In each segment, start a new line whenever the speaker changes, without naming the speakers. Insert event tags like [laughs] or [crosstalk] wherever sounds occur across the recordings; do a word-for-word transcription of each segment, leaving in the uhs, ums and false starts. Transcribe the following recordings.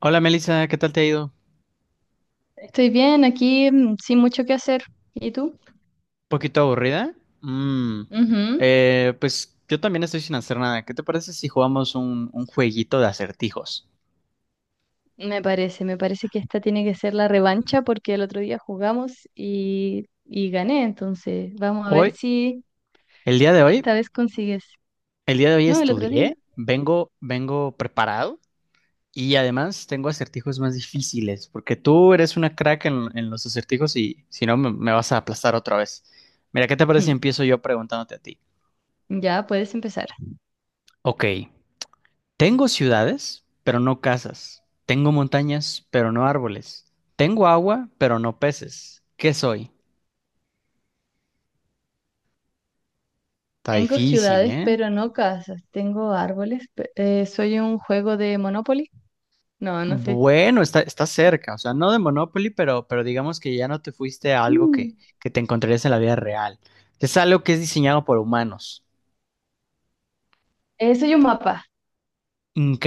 Hola Melissa, ¿qué tal te ha ido?
Estoy bien aquí, mm, sin mucho que hacer. ¿Y tú?
¿Poquito aburrida? Mm,
Ujú.
eh, pues yo también estoy sin hacer nada. ¿Qué te parece si jugamos un, un jueguito de acertijos?
Me parece, me parece que esta tiene que ser la revancha porque el otro día jugamos y, y gané, entonces vamos a ver
Hoy,
si
el día de hoy,
esta vez consigues.
el día de hoy
No, el otro día.
estudié, vengo, vengo preparado y además tengo acertijos más difíciles, porque tú eres una crack en, en los acertijos y si no me, me vas a aplastar otra vez. Mira, ¿qué te parece si
Ujú. [laughs]
empiezo yo preguntándote a ti?
Ya puedes empezar.
Ok. Tengo ciudades, pero no casas. Tengo montañas, pero no árboles. Tengo agua, pero no peces. ¿Qué soy? Está
Tengo
difícil,
ciudades,
¿eh?
pero no casas. Tengo árboles. pe- eh, soy un juego de Monopoly. No, no sé.
Bueno, está, está cerca, o sea, no de Monopoly, pero, pero digamos que ya no te fuiste a algo
Mm.
que, que te encontrarías en la vida real. Es algo que es diseñado por humanos.
Eh, soy un mapa.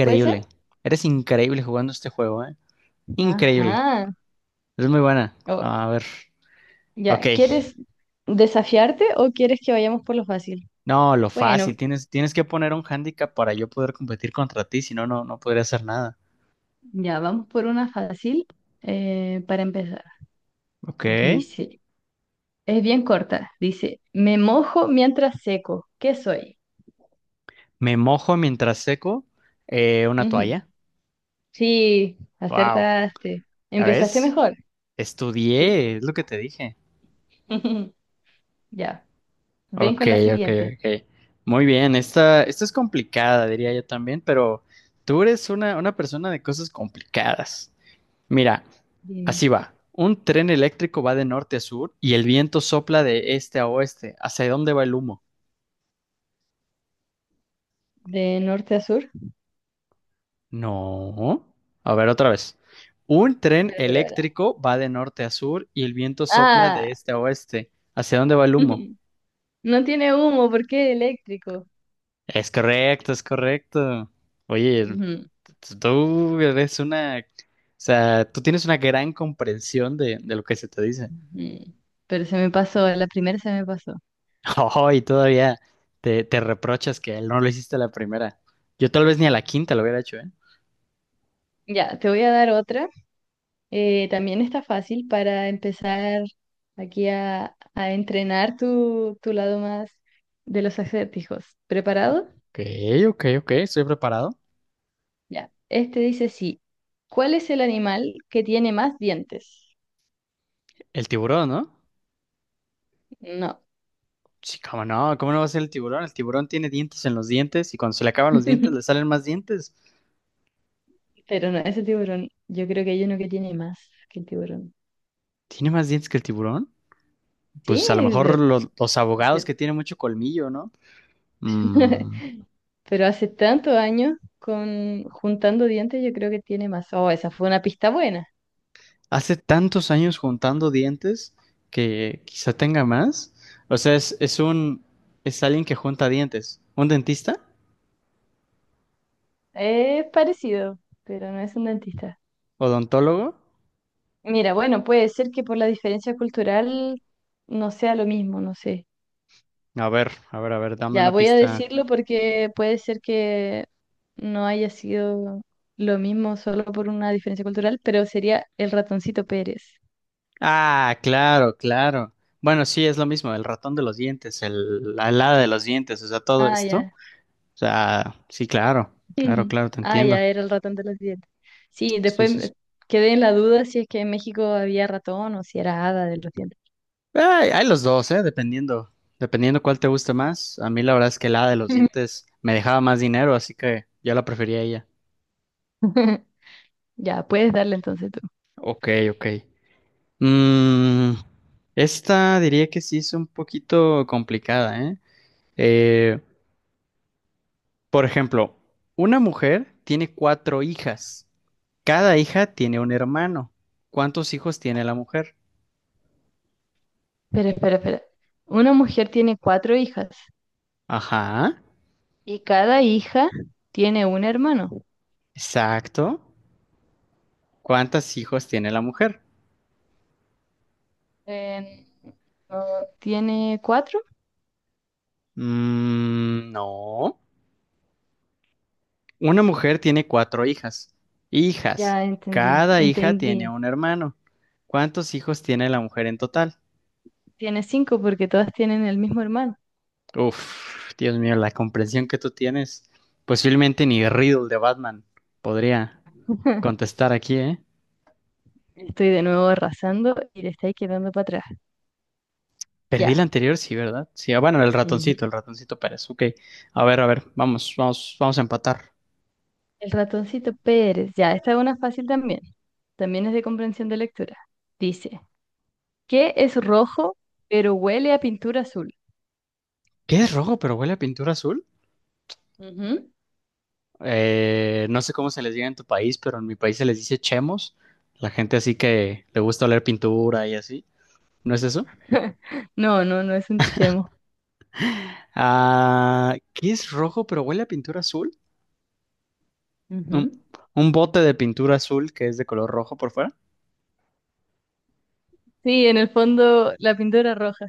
¿Puede ser?
Eres increíble jugando este juego, ¿eh? Increíble.
Ajá.
Es muy buena. A ver. Ok.
Ya, ¿quieres desafiarte o quieres que vayamos por lo fácil?
No, lo
Bueno,
fácil, tienes, tienes que poner un hándicap para yo poder competir contra ti, si no, no, no podría hacer nada.
ya, vamos por una fácil eh, para empezar.
Ok.
Dice, es bien corta, dice, me mojo mientras seco, ¿qué soy?
Me mojo mientras seco, eh, una
Ujú.
toalla.
Sí,
Wow.
acertaste.
¿Ya
¿Empezaste
ves?
mejor? Sí.
Estudié, es lo que te dije.
[laughs] Ya, ven
Ok,
con la
ok,
siguiente.
ok. Muy bien, esta, esta es complicada, diría yo también, pero tú eres una, una persona de cosas complicadas. Mira,
Dime.
así va. Un tren eléctrico va de norte a sur y el viento sopla de este a oeste. ¿Hacia dónde va el humo?
¿De norte a sur?
No. A ver, otra vez. Un tren
Espera, espera, espera.
eléctrico va de norte a sur y el viento sopla
Ah,
de este a oeste. ¿Hacia dónde va el humo?
[laughs] no tiene humo porque es eléctrico.
Es correcto, es correcto. Oye,
Ujú.
tú eres una... O sea, tú tienes una gran comprensión de, de lo que se te dice. [laughs]
Mm. Pero se me pasó, la primera se me pasó.
Oh, y todavía te, te reprochas que no lo hiciste a la primera. Yo tal vez ni a la quinta lo hubiera hecho, ¿eh?
Ya, te voy a dar otra. Eh, también está fácil para empezar aquí a, a entrenar tu, tu lado más de los acertijos. ¿Preparado?
Ok, ok, ok, estoy preparado.
Ya. Este dice sí. ¿Cuál es el animal que tiene más dientes?
El tiburón, ¿no?
No.
Sí, cómo no, ¿cómo no va a ser el tiburón? El tiburón tiene dientes en los dientes y cuando se le acaban los dientes le
[laughs]
salen más dientes.
Pero no, ese tiburón. Yo creo que hay uno que tiene más que el tiburón.
¿Tiene más dientes que el tiburón?
Sí,
Pues a lo
es
mejor
de.
los, los abogados que tienen mucho colmillo, ¿no?
[laughs]
Mm,
Pero hace tantos años, con juntando dientes, yo creo que tiene más. Oh, esa fue una pista buena.
hace tantos años juntando dientes que quizá tenga más. O sea, es, es un, es alguien que junta dientes. ¿Un dentista?
Es parecido, pero no es un dentista.
¿Odontólogo?
Mira, bueno, puede ser que por la diferencia cultural no sea lo mismo, no sé.
A ver, a ver, a ver, dame
Ya
una
voy a
pista.
decirlo porque puede ser que no haya sido lo mismo solo por una diferencia cultural, pero sería el ratoncito Pérez.
Ah, claro, claro. Bueno, sí, es lo mismo, el ratón de los dientes, el, la helada de los dientes, o sea, todo
Ah,
esto.
ya.
O sea, sí, claro, claro,
Ujú.
claro, te
Ah, ya
entiendo.
era el ratón de los dientes. Sí,
Sí,
después
sí, sí.
me- quedé en la duda si es que en México había ratón o si era hada de los dientes.
Ay, hay los dos, ¿eh? Dependiendo, dependiendo cuál te guste más. A mí la verdad es que la helada de los dientes me dejaba más dinero, así que yo la prefería a ella.
[laughs] Ya, puedes darle entonces tú.
Ok, ok. Mm, esta diría que sí es un poquito complicada, ¿eh? Eh, Por ejemplo, una mujer tiene cuatro hijas. Cada hija tiene un hermano. ¿Cuántos hijos tiene la mujer?
Espera, espera, espera. Una mujer tiene cuatro hijas
Ajá,
y cada hija tiene un hermano.
exacto. ¿Cuántos hijos tiene la mujer?
Eh, ¿no ¿tiene cuatro?
Mm, no. Una mujer tiene cuatro hijas.
Ya
Hijas.
entendí,
Cada hija
entendí.
tiene un hermano. ¿Cuántos hijos tiene la mujer en total?
Tiene cinco porque todas tienen el mismo hermano.
Uf, Dios mío, la comprensión que tú tienes. Posiblemente ni Riddle de Batman podría
[laughs]
contestar aquí, ¿eh?
Estoy de nuevo arrasando y le estáis quedando para atrás.
Perdí
Ya.
la anterior, sí, ¿verdad? Sí, ah, bueno, el
Ujú.
ratoncito, el ratoncito, Pérez. Ok. A ver, a ver, vamos, vamos, vamos a empatar.
El ratoncito Pérez, ya, esta es una fácil también, también es de comprensión de lectura. Dice, ¿qué es rojo pero huele a pintura azul?
¿Qué es rojo pero huele a pintura azul?
Ujú,
Eh, no sé cómo se les diga en tu país, pero en mi país se les dice chemos. La gente así que le gusta oler pintura y así. ¿No es eso?
[laughs] no, no, no es un chemo.
Ah, ¿qué es rojo pero huele a pintura azul? Un,
Ujú.
un bote de pintura azul que es de color rojo por fuera.
Sí, en el fondo la pintura roja.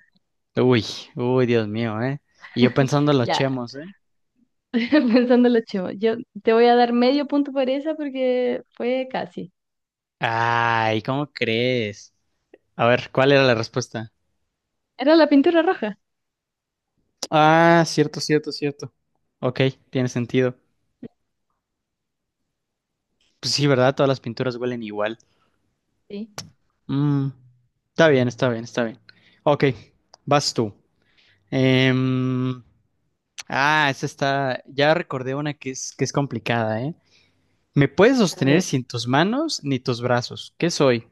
Uy, uy, Dios mío, ¿eh? Y yo
[laughs]
pensando en los
Ya,
chemos, ¿eh?
[laughs] pensando en los chemos. Yo te voy a dar medio punto por esa porque fue casi.
Ay, ¿cómo crees? A ver, ¿cuál era la respuesta?
Era la pintura roja.
Ah, cierto, cierto, cierto. Ok, tiene sentido. Pues sí, ¿verdad? Todas las pinturas huelen igual.
Sí.
Mm, está bien, está bien, está bien. Ok, vas tú. Em, ah, esa está. Ya recordé una que es, que es complicada, ¿eh? Me puedes
A
sostener
ver,
sin tus manos ni tus brazos. ¿Qué soy?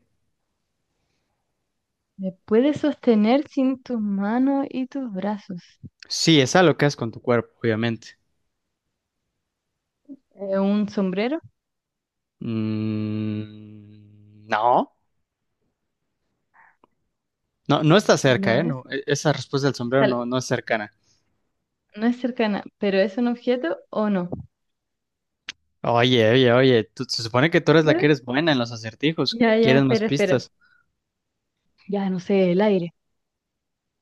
¿me puedes sostener sin tus manos y tus brazos?
Sí, es algo que haces con tu cuerpo, obviamente.
Eh, ¿un sombrero?
Mm, no, no, no está cerca,
No
¿eh? No,
es.
e- esa respuesta del sombrero
Esta,
no, no es cercana.
no es cercana, pero ¿es un objeto o no?
Oye, oye, oye, tú- se supone que tú eres la
¿Eh?
que eres buena en los acertijos.
Ya, ya,
¿Quieres más
espera, espera.
pistas?
Ya, no sé, el aire.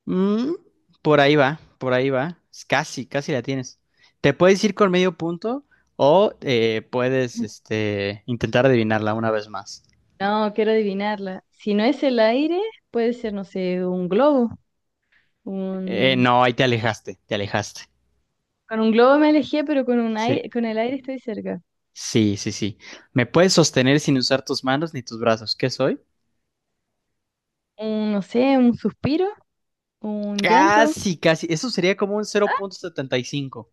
Mm, por ahí va, por ahí va. Es Casi, casi la tienes. Te puedes ir con medio punto o eh, puedes este, intentar adivinarla una vez más.
No, quiero adivinarla. Si no es el aire, puede ser, no sé, un globo.
Eh,
Un.
no, ahí te alejaste, te alejaste.
Con un globo me alejé, pero con un
Sí,
aire, con el aire estoy cerca.
sí, sí, sí. Me puedes sostener sin usar tus manos ni tus brazos. ¿Qué soy?
Un, no sé, un suspiro, un llanto,
Casi, casi. Eso sería como un cero punto setenta y cinco.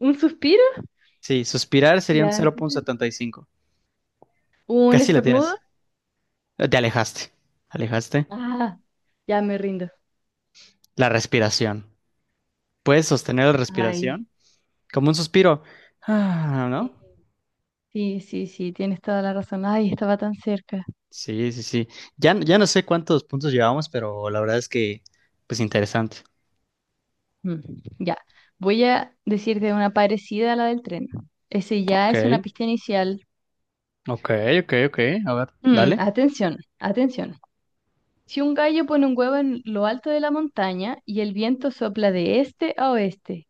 un suspiro,
Sí, suspirar sería un
ya, entonces,
cero punto setenta y cinco.
un
Casi la
estornudo.
tienes. Te alejaste, alejaste.
Ah, ya me rindo.
La respiración. Puedes sostener la
Ay,
respiración como un suspiro. Ah,
sí,
¿no?
sí, sí, sí, tienes toda la razón. Ay, estaba tan cerca.
Sí, sí, sí. Ya, ya no sé cuántos puntos llevamos, pero la verdad es que, pues interesante.
Mm. Ya, voy a decirte una parecida a la del tren. Ese ya
Ok,
es una pista inicial.
ok, ok, ok. A ver,
Mm,
dale.
atención, atención. Si un gallo pone un huevo en lo alto de la montaña y el viento sopla de este a oeste,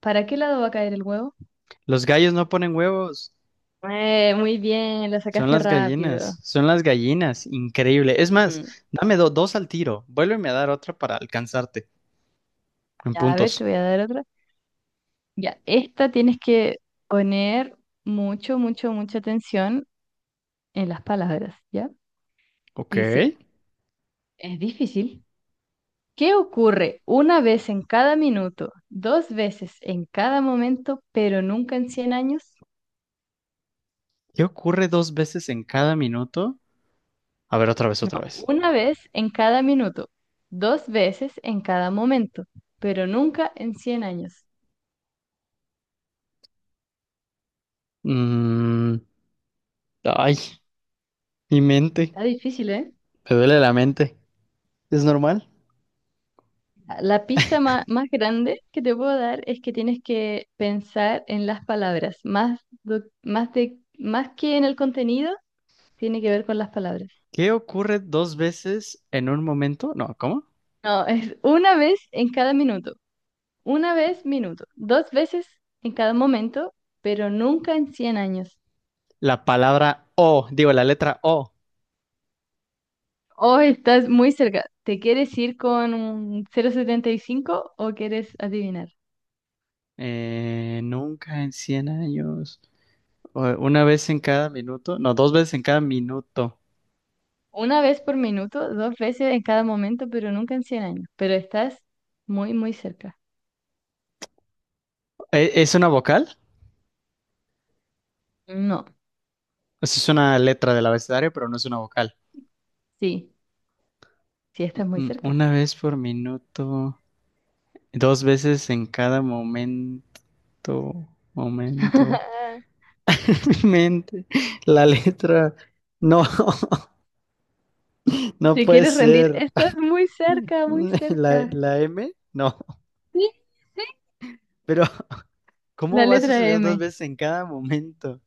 ¿para qué lado va a caer el huevo?
Los gallos no ponen huevos.
Eh, muy bien, lo
Son
sacaste
las
rápido.
gallinas, son las gallinas. Increíble. Es más,
Ujú.
dame do- dos al tiro. Vuélveme a dar otra para alcanzarte en
Ya, a ver, te
puntos.
voy a dar otra. Ya, esta tienes que poner mucho, mucho, mucha atención en las palabras, ¿ya?
Ok.
Dice, es difícil. ¿Qué ocurre una vez en cada minuto, dos veces en cada momento, pero nunca en cien años?
¿Qué ocurre dos veces en cada minuto? A ver, otra vez, otra
No,
vez.
una vez en cada minuto, dos veces en cada momento, pero nunca en cien años.
Mm, ay, mi mente.
Está difícil, ¿eh?
Me duele la mente. ¿Es normal?
La pista ma- más, grande que te puedo dar es que tienes que pensar en las palabras, más, do- más, de, más que en el contenido, tiene que ver con las palabras.
¿Qué ocurre dos veces en un momento? No, ¿cómo?
No, es una vez en cada minuto, una vez minuto, dos veces en cada momento, pero nunca en cien años.
La palabra O, digo, la letra O.
Oh, estás muy cerca. ¿Te quieres ir con un cero coma setenta y cinco o quieres adivinar?
Eh, nunca en cien años. O- Una vez en cada minuto. No, dos veces en cada minuto.
Una vez por minuto, dos veces en cada momento, pero nunca en cien años. Pero estás muy, muy cerca.
¿E- ¿Es una vocal?
No,
Pues es una letra del abecedario, pero no es una vocal.
sí, sí estás muy
Mm,
cerca.
Una vez por minuto. Dos veces en cada momento. Momento.
[laughs]
Mente, la letra, no, [laughs] no
¿Te
puede
quieres rendir?
ser
Estás muy
[laughs]
cerca, muy
la,
cerca.
la M, no,
Sí, sí.
pero
La
¿cómo va a
letra
suceder dos
eme.
veces en cada momento?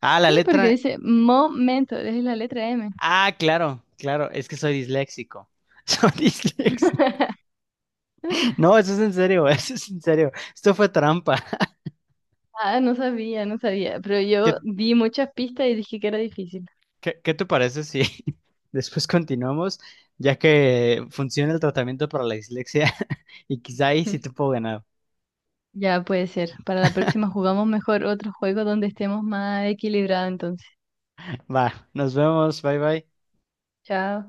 Ah, la
Sí, porque
letra,
dice momento, es la letra eme.
ah, claro, claro, es que soy disléxico, [laughs] soy disléxico,
[laughs]
no, eso es en serio, [laughs] eso es en serio, esto fue trampa,
Ah, no sabía, no sabía, pero
[laughs]
yo
¿qué,
vi muchas pistas y dije que era difícil.
qué, qué te parece si [laughs] después continuamos, ya que funciona el tratamiento para la dislexia [laughs] y quizá ahí sí te
[laughs]
puedo ganar?
Ya puede ser. Para la próxima jugamos mejor otro juego donde estemos más equilibrados entonces.
Va, nos vemos, bye bye.
Chao.